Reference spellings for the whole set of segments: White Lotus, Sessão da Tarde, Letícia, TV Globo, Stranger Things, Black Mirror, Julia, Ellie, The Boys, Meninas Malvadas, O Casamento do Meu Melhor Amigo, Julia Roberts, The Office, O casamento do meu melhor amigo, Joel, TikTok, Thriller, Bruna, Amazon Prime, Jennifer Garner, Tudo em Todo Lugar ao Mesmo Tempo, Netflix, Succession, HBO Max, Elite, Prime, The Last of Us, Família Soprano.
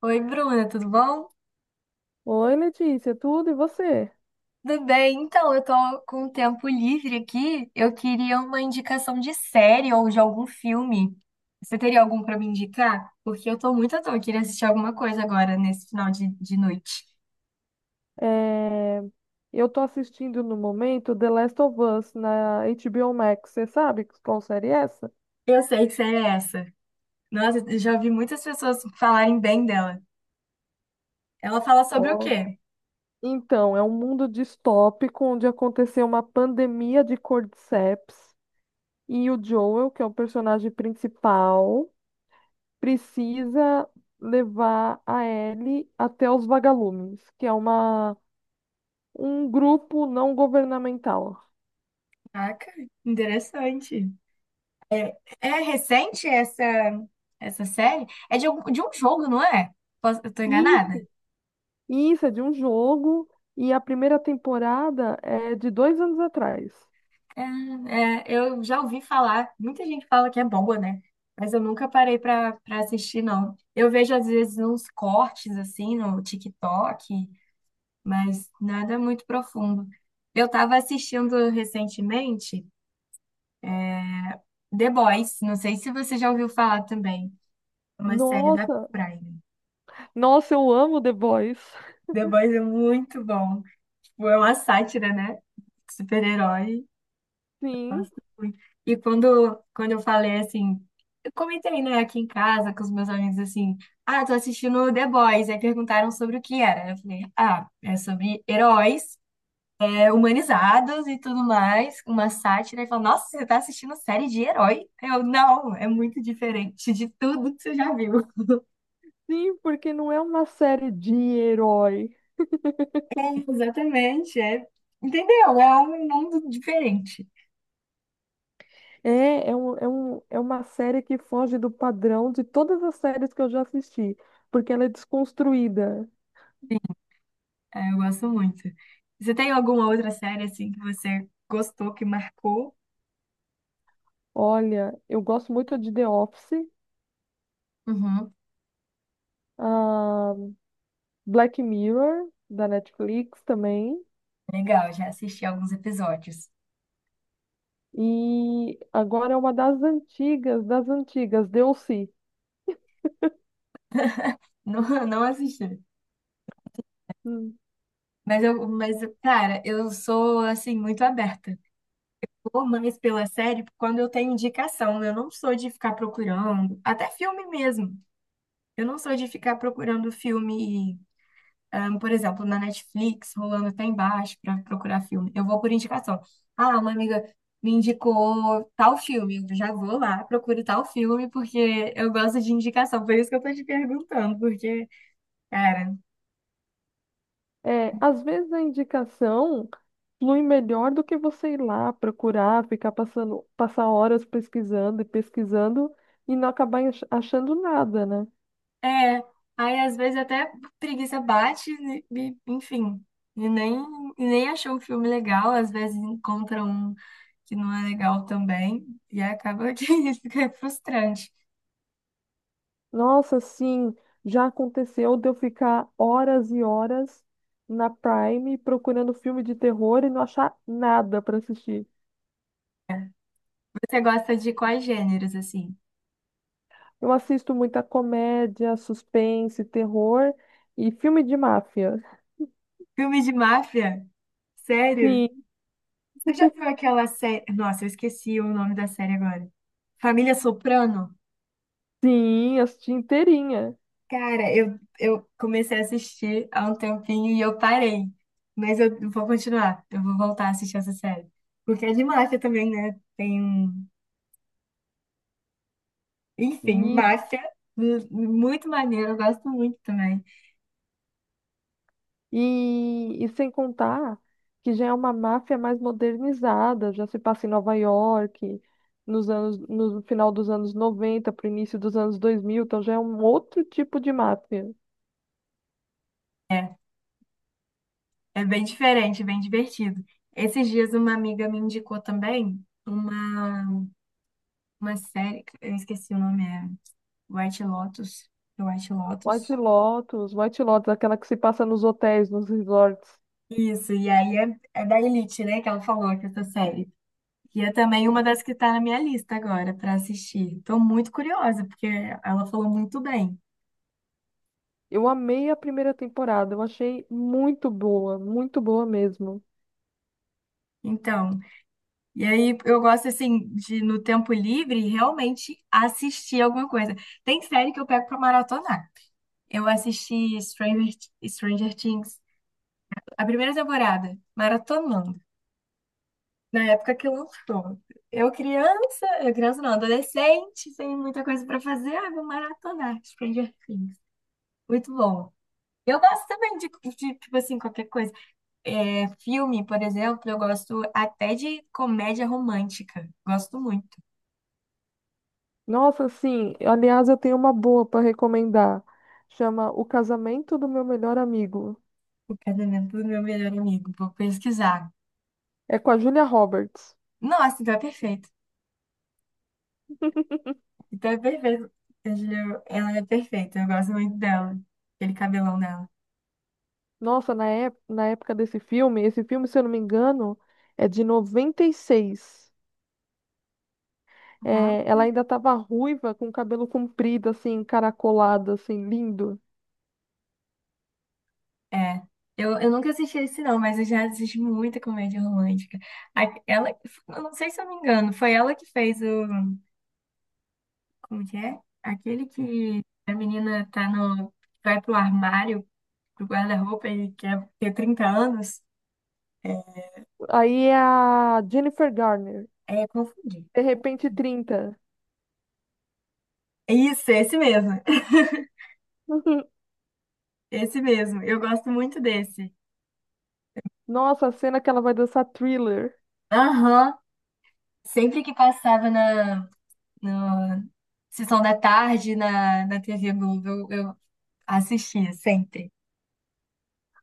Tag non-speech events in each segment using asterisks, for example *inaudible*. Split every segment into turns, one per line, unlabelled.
Oi, Bruna, tudo bom?
Oi, Letícia, tudo e você?
Tudo bem? Eu tô com um tempo livre aqui. Eu queria uma indicação de série ou de algum filme. Você teria algum pra me indicar? Porque eu tô muito à toa, eu queria assistir alguma coisa agora nesse final de noite.
É, Eu tô assistindo no momento The Last of Us na HBO Max. Você sabe qual série é essa?
Eu sei que série é essa. Nossa, eu já vi muitas pessoas falarem bem dela. Ela fala sobre o
Ó.
quê?
Então, é um mundo distópico onde aconteceu uma pandemia de cordyceps e o Joel, que é o personagem principal, precisa levar a Ellie até os vagalumes, que é um grupo não governamental.
Caraca, interessante. É recente essa série? É de um jogo, não é? Eu tô enganada?
Isso é de um jogo e a primeira temporada é de 2 anos atrás.
É, é, eu já ouvi falar, muita gente fala que é boa, né? Mas eu nunca parei pra para assistir, não. Eu vejo às vezes uns cortes assim no TikTok, mas nada muito profundo. Eu tava assistindo recentemente The Boys, não sei se você já ouviu falar também. É uma série da
Nossa,
Prime.
nossa, eu amo The Boys.
The Boys é muito bom, tipo, é uma sátira, né? Super-herói.
Sim,
Gosto muito. E quando eu falei assim, eu comentei, né, aqui em casa com os meus amigos assim, ah, tô assistindo The Boys, aí perguntaram sobre o que era. Eu falei, ah, é sobre heróis, é, humanizados e tudo mais, uma sátira. E falou, nossa, você tá assistindo série de herói? Eu, não, é muito diferente de tudo que você já viu.
sim, porque não é uma série de herói.
*laughs* Exatamente, é, entendeu? É um mundo diferente.
É uma série que foge do padrão de todas as séries que eu já assisti, porque ela é desconstruída.
É, eu gosto muito. Você tem alguma outra série assim que você gostou, que marcou?
Olha, eu gosto muito de The Office,
Uhum.
ah, Black Mirror, da Netflix também.
Legal, já assisti alguns episódios.
E agora é uma das antigas, Deu-se.
Não, *laughs* não assisti.
Hum.
Mas cara, eu sou assim muito aberta. Ou mais pela série, quando eu tenho indicação, eu não sou de ficar procurando, até filme mesmo. Eu não sou de ficar procurando filme, por exemplo, na Netflix, rolando até embaixo para procurar filme. Eu vou por indicação. Ah, uma amiga me indicou tal filme, eu já vou lá, procuro tal filme porque eu gosto de indicação. Por isso que eu tô te perguntando, porque cara,
É, às vezes a indicação flui melhor do que você ir lá procurar, ficar passando, passar horas pesquisando e pesquisando e não acabar achando nada, né?
é, aí às vezes até preguiça bate, enfim, e nem, e nem achou um filme legal, às vezes encontra um que não é legal também, e acaba que *laughs* fica frustrante.
Nossa, sim, já aconteceu de eu ficar horas e horas na Prime procurando filme de terror e não achar nada para assistir.
Você gosta de quais gêneros, assim?
Eu assisto muita comédia, suspense, terror e filme de máfia.
Filme de máfia? Sério?
Sim,
Você já viu aquela série? Nossa, eu esqueci o nome da série agora. Família Soprano?
sim, assisti inteirinha.
Cara, eu comecei a assistir há um tempinho e eu parei. Mas eu vou continuar. Eu vou voltar a assistir essa série. Porque é de máfia também, né? Enfim,
E,
máfia. Hum, muito maneiro, eu gosto muito também.
e sem contar que já é uma máfia mais modernizada, já se passa em Nova York, no final dos anos 90 para o início dos anos 2000. Então já é um outro tipo de máfia.
É, é bem diferente, bem divertido. Esses dias uma amiga me indicou também uma série, eu esqueci o nome, é White Lotus. É White Lotus.
White Lotus, White Lotus, aquela que se passa nos hotéis, nos resorts.
Isso, e aí é, é da Elite, né, que ela falou que essa série. E é também uma das que está na minha lista agora para assistir. Estou muito curiosa, porque ela falou muito bem.
Eu amei a primeira temporada, eu achei muito boa mesmo.
Então, e aí eu gosto assim de no tempo livre realmente assistir alguma coisa. Tem série que eu pego para maratonar. Eu assisti Stranger Things, a primeira temporada, maratonando, na época que lançou. Eu criança não, adolescente, sem muita coisa para fazer, ah, vou maratonar Stranger Things. Muito bom. Eu gosto também tipo assim, qualquer coisa. É, filme, por exemplo, eu gosto até de comédia romântica. Gosto muito.
Nossa, sim, aliás, eu tenho uma boa para recomendar. Chama O Casamento do Meu Melhor Amigo.
O casamento do meu melhor amigo. Vou pesquisar.
É com a Julia Roberts.
Nossa, então é perfeito. Então é perfeito. A Julia, ela é perfeita. Eu gosto muito dela. Aquele cabelão dela.
Nossa, na época desse filme, esse filme, se eu não me engano, é de 96.
Uhum.
É, ela ainda estava ruiva, com o cabelo comprido, assim, caracolado, assim, lindo.
É. Eu nunca assisti esse, não, mas eu já assisti muita comédia romântica. Ela, eu não sei se eu me engano, foi ela que fez o. Como que é? Aquele que a menina tá no. Vai pro armário do guarda-roupa e quer ter 30 anos,
Aí é a Jennifer Garner,
é confundido.
de repente 30.
Isso, esse mesmo. *laughs*
*laughs*
Esse mesmo. Eu gosto muito desse.
Nossa, a cena que ela vai dançar Thriller.
Aham. Sempre que passava na Sessão da Tarde na TV Globo, eu assistia, sempre.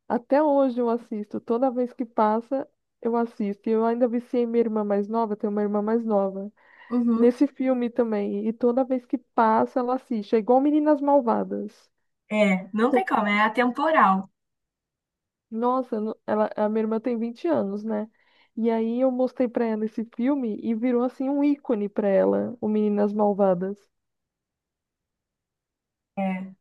Até hoje eu assisto. Toda vez que passa, eu assisto. E eu ainda viciei minha irmã mais nova, eu tenho uma irmã mais nova.
Uhum.
Nesse filme também. E toda vez que passa, ela assiste. É igual Meninas Malvadas.
É, não tem como, é atemporal.
Nossa, ela, a minha irmã tem 20 anos, né? E aí eu mostrei pra ela esse filme e virou assim um ícone pra ela, o Meninas Malvadas.
É.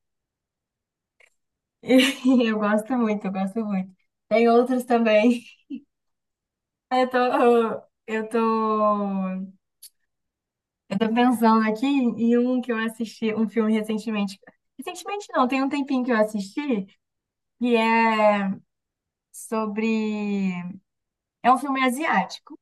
*laughs* Eu gosto muito, eu gosto muito. Tem outros também. *laughs* Eu tô, eu tô Eu tô pensando aqui em um que eu assisti, um filme recentemente. Recentemente não, tem um tempinho que eu assisti, e é sobre. É um filme asiático,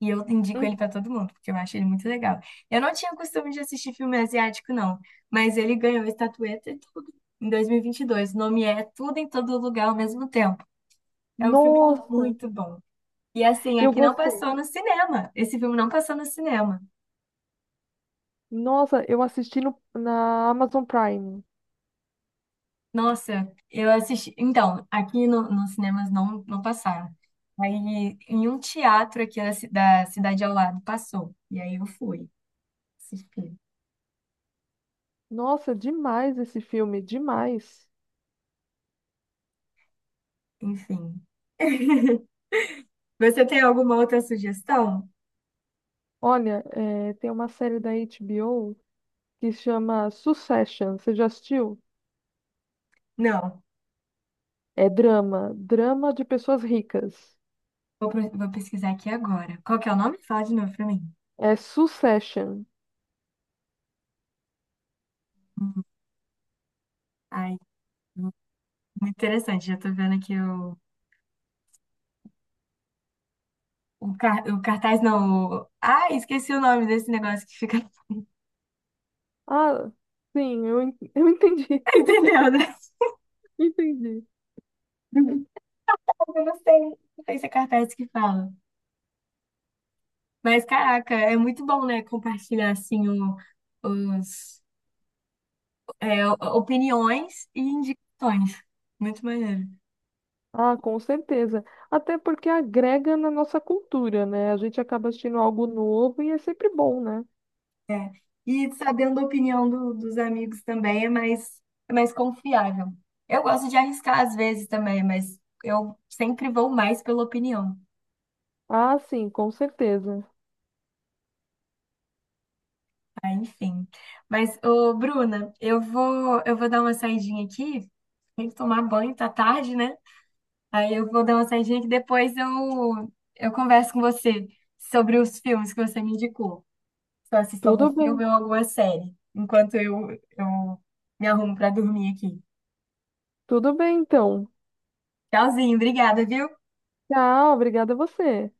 e eu indico
Hum.
ele pra todo mundo, porque eu acho ele muito legal. Eu não tinha costume de assistir filme asiático, não, mas ele ganhou estatueta e tudo em 2022. O nome é Tudo em Todo Lugar ao Mesmo Tempo. É um filme
Nossa,
muito bom. E assim,
eu
aqui não
gostei.
passou no cinema. Esse filme não passou no cinema.
Nossa, eu assisti no, na Amazon Prime.
Nossa, eu assisti. Então, aqui nos cinemas não, não passaram. Aí, em um teatro aqui da, da cidade ao lado, passou. E aí eu fui assistir.
Nossa, demais esse filme, demais.
Enfim. *laughs* Você tem alguma outra sugestão?
Olha, é, tem uma série da HBO que chama Succession. Você já assistiu?
Não.
É drama, drama de pessoas ricas.
Vou pesquisar aqui agora. Qual que é o nome? Fala de novo pra mim.
É Succession.
Hum, Ai, muito interessante. Já tô vendo aqui o cartaz, não. Ai, esqueci o nome desse negócio que fica. *laughs*
Ah, sim, *laughs* eu entendi,
Entendeu, né?
*laughs* entendi.
*laughs* Eu não sei. Não sei se é cartaz que fala. Mas, caraca, é muito bom, né? Compartilhar, assim, os, é, opiniões e indicações. Muito maneiro.
Ah, com certeza. Até porque agrega na nossa cultura, né? A gente acaba assistindo algo novo e é sempre bom, né?
E sabendo a opinião dos amigos também é mais confiável. Eu gosto de arriscar às vezes também, mas eu sempre vou mais pela opinião.
Ah, sim, com certeza.
Ah, enfim. Mas, ô, Bruna, eu vou dar uma saidinha aqui. Tem que tomar banho, tá tarde, né? Aí eu vou dar uma saidinha que depois eu converso com você sobre os filmes que você me indicou. Se eu assisto algum
Tudo bem,
filme ou alguma série. Enquanto eu me arrumo para dormir aqui.
tudo bem então.
Tchauzinho, obrigada, viu?
Tchau, obrigada a você.